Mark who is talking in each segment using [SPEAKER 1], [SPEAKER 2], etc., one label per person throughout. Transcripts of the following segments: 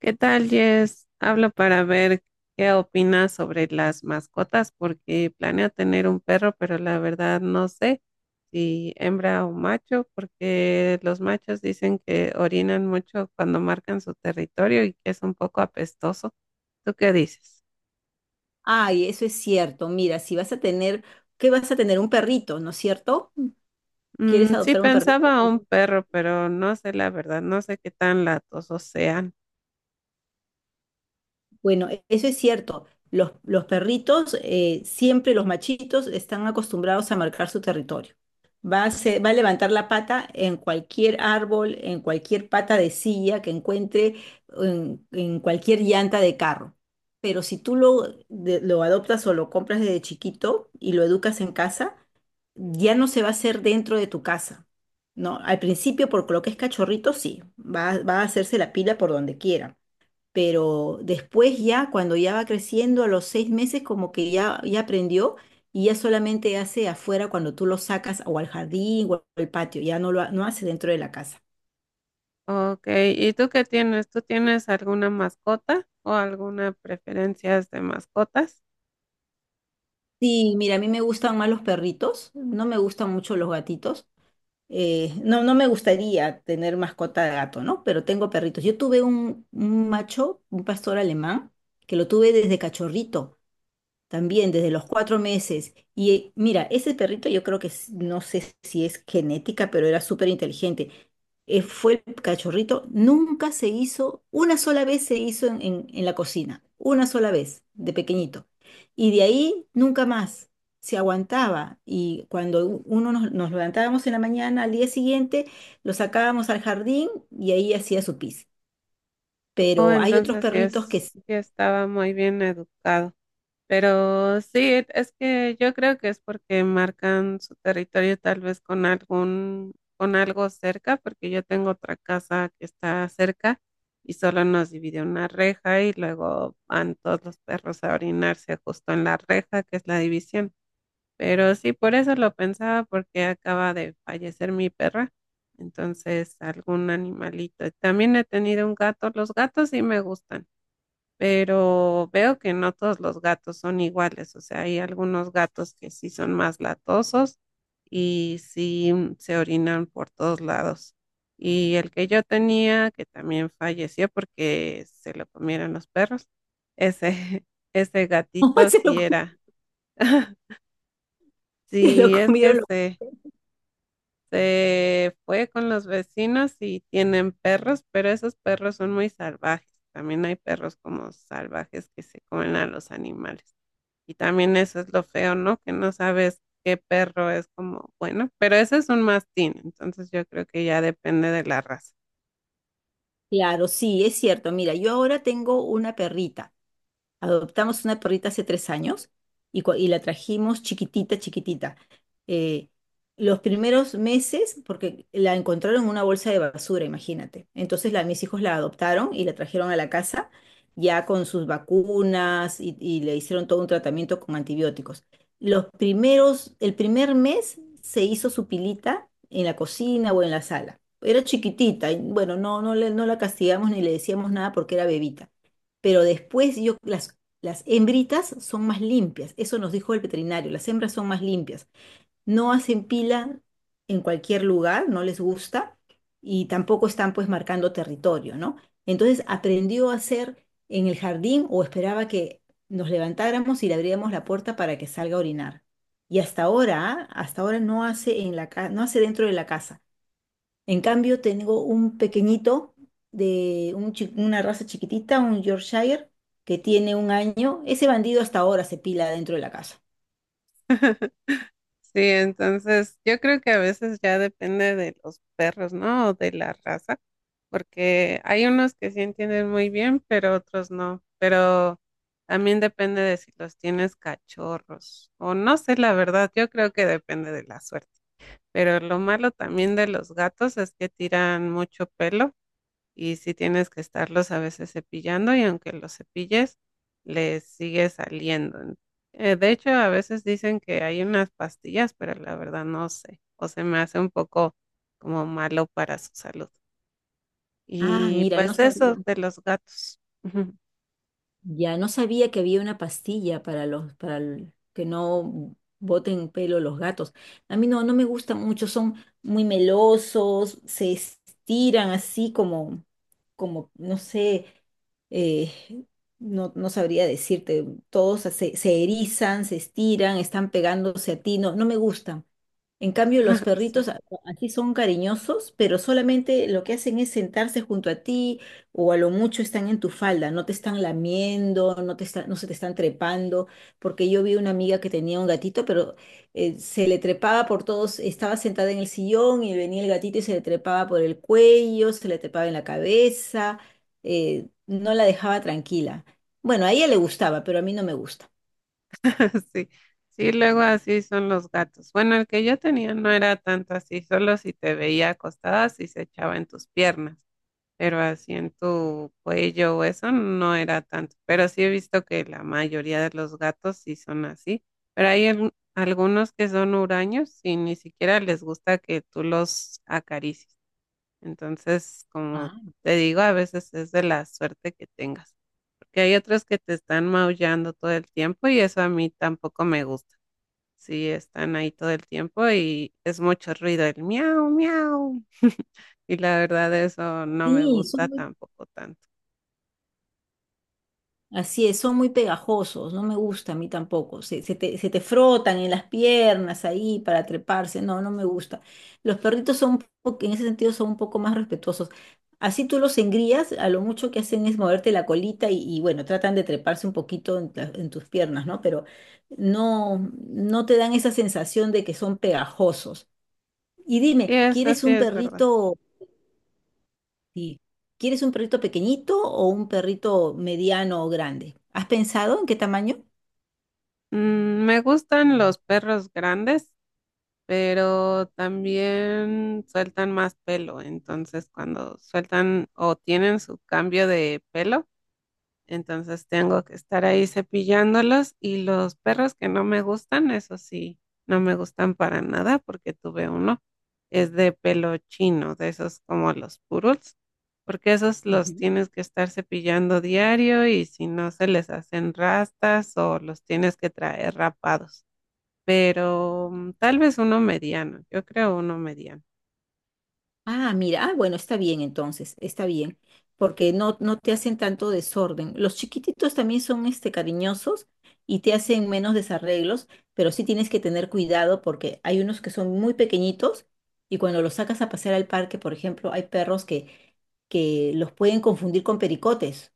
[SPEAKER 1] ¿Qué tal, Jess? Hablo para ver qué opinas sobre las mascotas, porque planeo tener un perro, pero la verdad no sé si hembra o macho, porque los machos dicen que orinan mucho cuando marcan su territorio y que es un poco apestoso. ¿Tú qué dices?
[SPEAKER 2] Ay, eso es cierto. Mira, si vas a tener, ¿qué vas a tener? Un perrito, ¿no es cierto?
[SPEAKER 1] Mm,
[SPEAKER 2] ¿Quieres
[SPEAKER 1] sí,
[SPEAKER 2] adoptar un perrito?
[SPEAKER 1] pensaba un perro, pero no sé la verdad, no sé qué tan latosos sean.
[SPEAKER 2] Bueno, eso es cierto. Los perritos, siempre los machitos, están acostumbrados a marcar su territorio. Va a levantar la pata en cualquier árbol, en cualquier pata de silla que encuentre, en cualquier llanta de carro. Pero si tú lo adoptas o lo compras desde chiquito y lo educas en casa, ya no se va a hacer dentro de tu casa, ¿no? Al principio, por lo que es cachorrito, sí, va a hacerse la pila por donde quiera, pero después ya, cuando ya va creciendo, a los 6 meses, como que ya, ya aprendió y ya solamente hace afuera cuando tú lo sacas o al jardín o al patio, ya no lo no hace dentro de la casa.
[SPEAKER 1] Ok, ¿y tú qué tienes? ¿Tú tienes alguna mascota o alguna preferencia de mascotas?
[SPEAKER 2] Sí, mira, a mí me gustan más los perritos, no me gustan mucho los gatitos, no, no me gustaría tener mascota de gato, ¿no? Pero tengo perritos. Yo tuve un macho, un pastor alemán, que lo tuve desde cachorrito. También desde los 4 meses. Y mira, ese perrito yo creo que no sé si es genética, pero era súper inteligente. Fue el cachorrito, nunca se hizo, una sola vez se hizo en la cocina, una sola vez, de pequeñito. Y de ahí nunca más, se aguantaba. Y cuando uno nos levantábamos en la mañana, al día siguiente, lo sacábamos al jardín y ahí hacía su pis.
[SPEAKER 1] Oh,
[SPEAKER 2] Pero hay otros
[SPEAKER 1] entonces
[SPEAKER 2] perritos que sí,
[SPEAKER 1] sí estaba muy bien educado. Pero sí, es que yo creo que es porque marcan su territorio tal vez con algún, con algo cerca, porque yo tengo otra casa que está cerca y solo nos divide una reja y luego van todos los perros a orinarse justo en la reja, que es la división. Pero sí, por eso lo pensaba, porque acaba de fallecer mi perra. Entonces, algún animalito. También he tenido un gato. Los gatos sí me gustan, pero veo que no todos los gatos son iguales. O sea, hay algunos gatos que sí son más latosos y sí se orinan por todos lados. Y el que yo tenía, que también falleció porque se lo comieron los perros, ese, ese gatito
[SPEAKER 2] se lo,
[SPEAKER 1] sí era.
[SPEAKER 2] se lo
[SPEAKER 1] Sí, es que
[SPEAKER 2] comieron.
[SPEAKER 1] se fue con los vecinos y tienen perros, pero esos perros son muy salvajes. También hay perros como salvajes que se comen a los animales. Y también eso es lo feo, ¿no? Que no sabes qué perro es como bueno, pero ese es un mastín, entonces yo creo que ya depende de la raza.
[SPEAKER 2] Claro, sí, es cierto. Mira, yo ahora tengo una perrita. Adoptamos una perrita hace 3 años y la trajimos chiquitita, chiquitita. Eh, los primeros meses, porque la encontraron en una bolsa de basura, imagínate. Entonces mis hijos la adoptaron y la trajeron a la casa ya con sus vacunas y le hicieron todo un tratamiento con antibióticos. Los primeros, el primer mes se hizo su pilita en la cocina o en la sala. Era chiquitita y bueno, no, no, no la castigamos ni le decíamos nada porque era bebita. Pero después yo, las hembritas son más limpias, eso nos dijo el veterinario, las hembras son más limpias, no hacen pila en cualquier lugar, no les gusta y tampoco están pues marcando territorio, ¿no? Entonces aprendió a hacer en el jardín o esperaba que nos levantáramos y le abríamos la puerta para que salga a orinar. Y hasta ahora, ¿ah? Hasta ahora no hace en la no hace dentro de la casa. En cambio, tengo un pequeñito de un una raza chiquitita, un Yorkshire, que tiene un año. Ese bandido hasta ahora se pila dentro de la casa.
[SPEAKER 1] Sí, entonces yo creo que a veces ya depende de los perros, ¿no? O de la raza, porque hay unos que sí entienden muy bien, pero otros no. Pero también depende de si los tienes cachorros o no sé, la verdad, yo creo que depende de la suerte. Pero lo malo también de los gatos es que tiran mucho pelo y sí tienes que estarlos a veces cepillando y aunque los cepilles, les sigue saliendo. De hecho, a veces dicen que hay unas pastillas, pero la verdad no sé, o se me hace un poco como malo para su salud.
[SPEAKER 2] Ah,
[SPEAKER 1] Y
[SPEAKER 2] mira, no
[SPEAKER 1] pues
[SPEAKER 2] sabía.
[SPEAKER 1] eso de los gatos. Ujú.
[SPEAKER 2] Ya no sabía que había una pastilla para los, para el- que no boten pelo los gatos. A mí no, no me gustan mucho, son muy melosos, se estiran así como, no sé, eh, no, no sabría decirte, todos se, se erizan, se estiran, están pegándose a ti, no, no me gustan. En cambio, los
[SPEAKER 1] Sí,
[SPEAKER 2] perritos así son cariñosos, pero solamente lo que hacen es sentarse junto a ti o a lo mucho están en tu falda, no te están lamiendo, no te no se te están trepando, porque yo vi una amiga que tenía un gatito, pero se le trepaba por todos, estaba sentada en el sillón y venía el gatito y se le trepaba por el cuello, se le trepaba en la cabeza, no la dejaba tranquila. Bueno, a ella le gustaba, pero a mí no me gusta.
[SPEAKER 1] sí, sí, luego así son los gatos. Bueno, el que yo tenía no era tanto así, solo si te veía acostada, si se echaba en tus piernas, pero así en tu cuello o eso no era tanto. Pero sí he visto que la mayoría de los gatos sí son así. Pero hay algunos que son huraños y ni siquiera les gusta que tú los acaricies. Entonces, como
[SPEAKER 2] Ah,
[SPEAKER 1] te digo, a veces es de la suerte que tengas. Porque hay otros que te están maullando todo el tiempo y eso a mí tampoco me gusta. Sí, están ahí todo el tiempo y es mucho ruido, el miau, miau. Y la verdad eso no me
[SPEAKER 2] sí,
[SPEAKER 1] gusta
[SPEAKER 2] son muy.
[SPEAKER 1] tampoco tanto.
[SPEAKER 2] Así es, son muy pegajosos, no me gusta a mí tampoco. Se, se te frotan en las piernas ahí para treparse, no, no me gusta. Los perritos en ese sentido, son un poco más respetuosos. Así tú los engrías, a lo mucho que hacen es moverte la colita bueno, tratan de treparse un poquito en tus piernas, ¿no? Pero no, no te dan esa sensación de que son pegajosos. Y
[SPEAKER 1] Sí,
[SPEAKER 2] dime,
[SPEAKER 1] eso
[SPEAKER 2] ¿quieres
[SPEAKER 1] sí
[SPEAKER 2] un
[SPEAKER 1] es verdad.
[SPEAKER 2] perrito? Sí. ¿Quieres un perrito pequeñito o un perrito mediano o grande? ¿Has pensado en qué tamaño?
[SPEAKER 1] Mm, me gustan los perros grandes, pero también sueltan más pelo. Entonces, cuando sueltan o tienen su cambio de pelo, entonces tengo que estar ahí cepillándolos y los perros que no me gustan, eso sí, no me gustan para nada porque tuve uno, es de pelo chino, de esos como los poodles, porque esos los
[SPEAKER 2] Ujú.
[SPEAKER 1] tienes que estar cepillando diario y si no se les hacen rastas o los tienes que traer rapados. Pero mm, tal vez uno mediano, yo creo uno mediano.
[SPEAKER 2] Ah, mira, bueno, está bien entonces, está bien, porque no, no te hacen tanto desorden. Los chiquititos también son este, cariñosos y te hacen menos desarreglos, pero sí tienes que tener cuidado porque hay unos que son muy pequeñitos y cuando los sacas a pasear al parque, por ejemplo, hay perros que los pueden confundir con pericotes.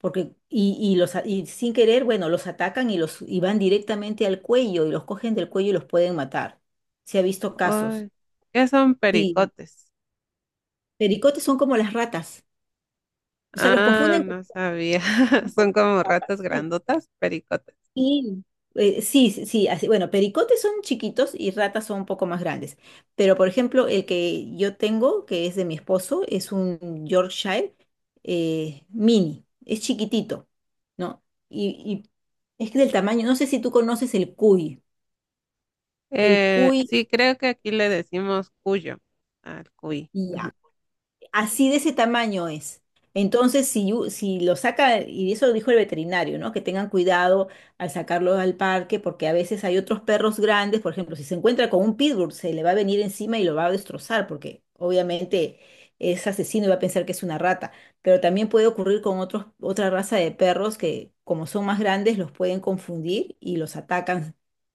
[SPEAKER 2] Porque, y sin querer, bueno, los atacan, y van directamente al cuello y los cogen del cuello y los pueden matar. Se ha visto casos.
[SPEAKER 1] Ay, ¿qué son
[SPEAKER 2] Sí,
[SPEAKER 1] pericotes?
[SPEAKER 2] pericotes son como las ratas. O sea, los
[SPEAKER 1] Ah,
[SPEAKER 2] confunden con,
[SPEAKER 1] no sabía.
[SPEAKER 2] ¿no? Con
[SPEAKER 1] Son como
[SPEAKER 2] ratas.
[SPEAKER 1] ratas
[SPEAKER 2] Sí.
[SPEAKER 1] grandotas, pericotas.
[SPEAKER 2] Y, sí, sí, sí, así, bueno, pericotes son chiquitos y ratas son un poco más grandes. Pero, por ejemplo, el que yo tengo, que es de mi esposo, es un Yorkshire mini, es chiquitito, ¿no? Y, y es que del tamaño, no sé si tú conoces el cuy,
[SPEAKER 1] Sí, creo que aquí le decimos cuyo al cuy.
[SPEAKER 2] ya. Así de ese tamaño es. Entonces, si, si lo saca, y eso lo dijo el veterinario, ¿no? Que tengan cuidado al sacarlo al parque, porque a veces hay otros perros grandes, por ejemplo, si se encuentra con un pitbull, se le va a venir encima y lo va a destrozar, porque obviamente es asesino y va a pensar que es una rata. Pero también puede ocurrir con otra raza de perros que, como son más grandes, los pueden confundir y los atacan,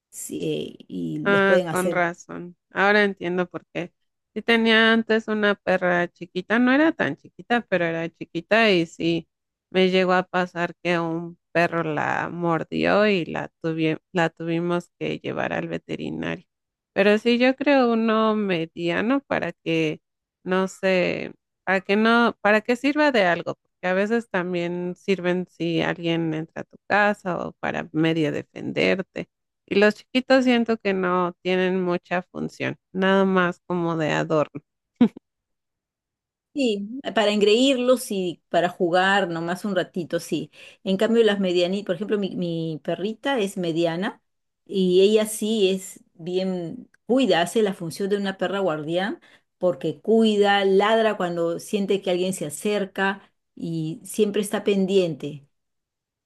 [SPEAKER 2] sí, y les
[SPEAKER 1] Ah,
[SPEAKER 2] pueden
[SPEAKER 1] con
[SPEAKER 2] hacer.
[SPEAKER 1] razón. Ahora entiendo por qué. Sí tenía antes una perra chiquita, no era tan chiquita, pero era chiquita y sí me llegó a pasar que un perro la mordió y la tuvimos que llevar al veterinario. Pero sí, yo creo uno mediano para que no sé, para que no, para que sirva de algo, porque a veces también sirven si alguien entra a tu casa o para medio defenderte. Y los chiquitos siento que no tienen mucha función, nada más como de adorno.
[SPEAKER 2] Sí, para engreírlos y para jugar nomás un ratito, sí. En cambio, las medianitas, por ejemplo, mi perrita es mediana y ella sí es bien, cuida, hace la función de una perra guardián porque cuida, ladra cuando siente que alguien se acerca y siempre está pendiente.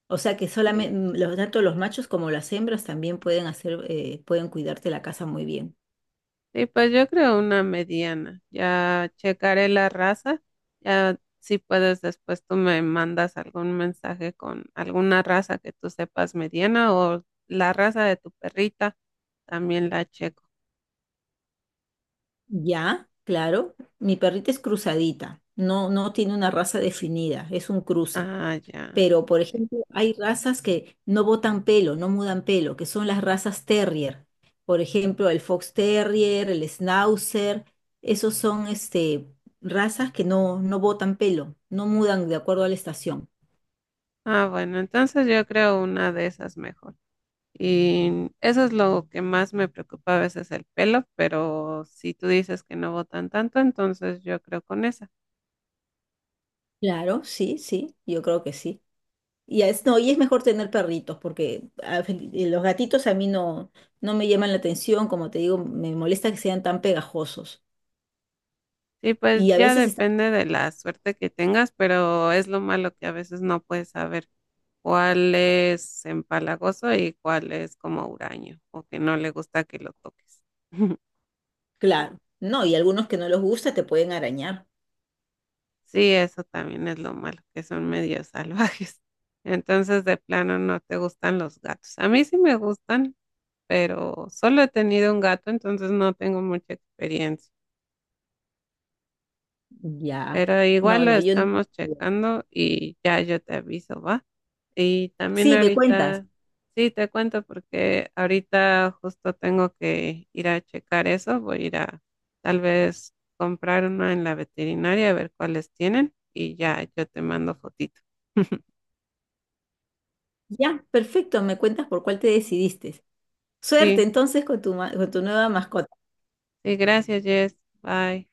[SPEAKER 2] O sea que
[SPEAKER 1] Sí.
[SPEAKER 2] solamente, tanto los machos como las hembras también pueden hacer, pueden cuidarte la casa muy bien.
[SPEAKER 1] Y pues yo creo una mediana. Ya checaré la raza. Ya si puedes después tú me mandas algún mensaje con alguna raza que tú sepas mediana o la raza de tu perrita, también la checo.
[SPEAKER 2] Ya, claro. Mi perrita es cruzadita, no, no tiene una raza definida, es un cruce.
[SPEAKER 1] Ah, ya.
[SPEAKER 2] Pero, por
[SPEAKER 1] Sí.
[SPEAKER 2] ejemplo, hay razas que no botan pelo, no mudan pelo, que son las razas terrier. Por ejemplo, el Fox Terrier, el Schnauzer, esos son este, razas que no, no botan pelo, no mudan de acuerdo a la estación.
[SPEAKER 1] Ah, bueno, entonces yo creo una de esas mejor. Y eso es lo que más me preocupa a veces el pelo, pero si tú dices que no botan tanto, entonces yo creo con esa.
[SPEAKER 2] Claro, sí, sí, yo creo que sí. Y es, no, y es mejor tener perritos, porque a los gatitos a mí no, no me llaman la atención, como te digo, me molesta que sean tan pegajosos.
[SPEAKER 1] Sí, pues
[SPEAKER 2] Y a
[SPEAKER 1] ya
[SPEAKER 2] veces están,
[SPEAKER 1] depende de la suerte que tengas, pero es lo malo que a veces no puedes saber cuál es empalagoso y cuál es como huraño o que no le gusta que lo toques.
[SPEAKER 2] claro, no, y algunos que no los gusta te pueden arañar.
[SPEAKER 1] Sí, eso también es lo malo, que son medio salvajes. Entonces, de plano no te gustan los gatos. A mí sí me gustan, pero solo he tenido un gato, entonces no tengo mucha experiencia.
[SPEAKER 2] Ya,
[SPEAKER 1] Pero igual
[SPEAKER 2] no,
[SPEAKER 1] lo
[SPEAKER 2] no, yo no.
[SPEAKER 1] estamos checando y ya yo te aviso, ¿va? Y también
[SPEAKER 2] Sí, me cuentas.
[SPEAKER 1] ahorita, sí, te cuento porque ahorita justo tengo que ir a checar eso. Voy a ir a tal vez comprar una en la veterinaria a ver cuáles tienen y ya yo te mando fotito.
[SPEAKER 2] Ya, perfecto, me cuentas por cuál te decidiste. Suerte
[SPEAKER 1] Sí,
[SPEAKER 2] entonces con tu, con tu nueva mascota.
[SPEAKER 1] sí, gracias, Jess. Bye.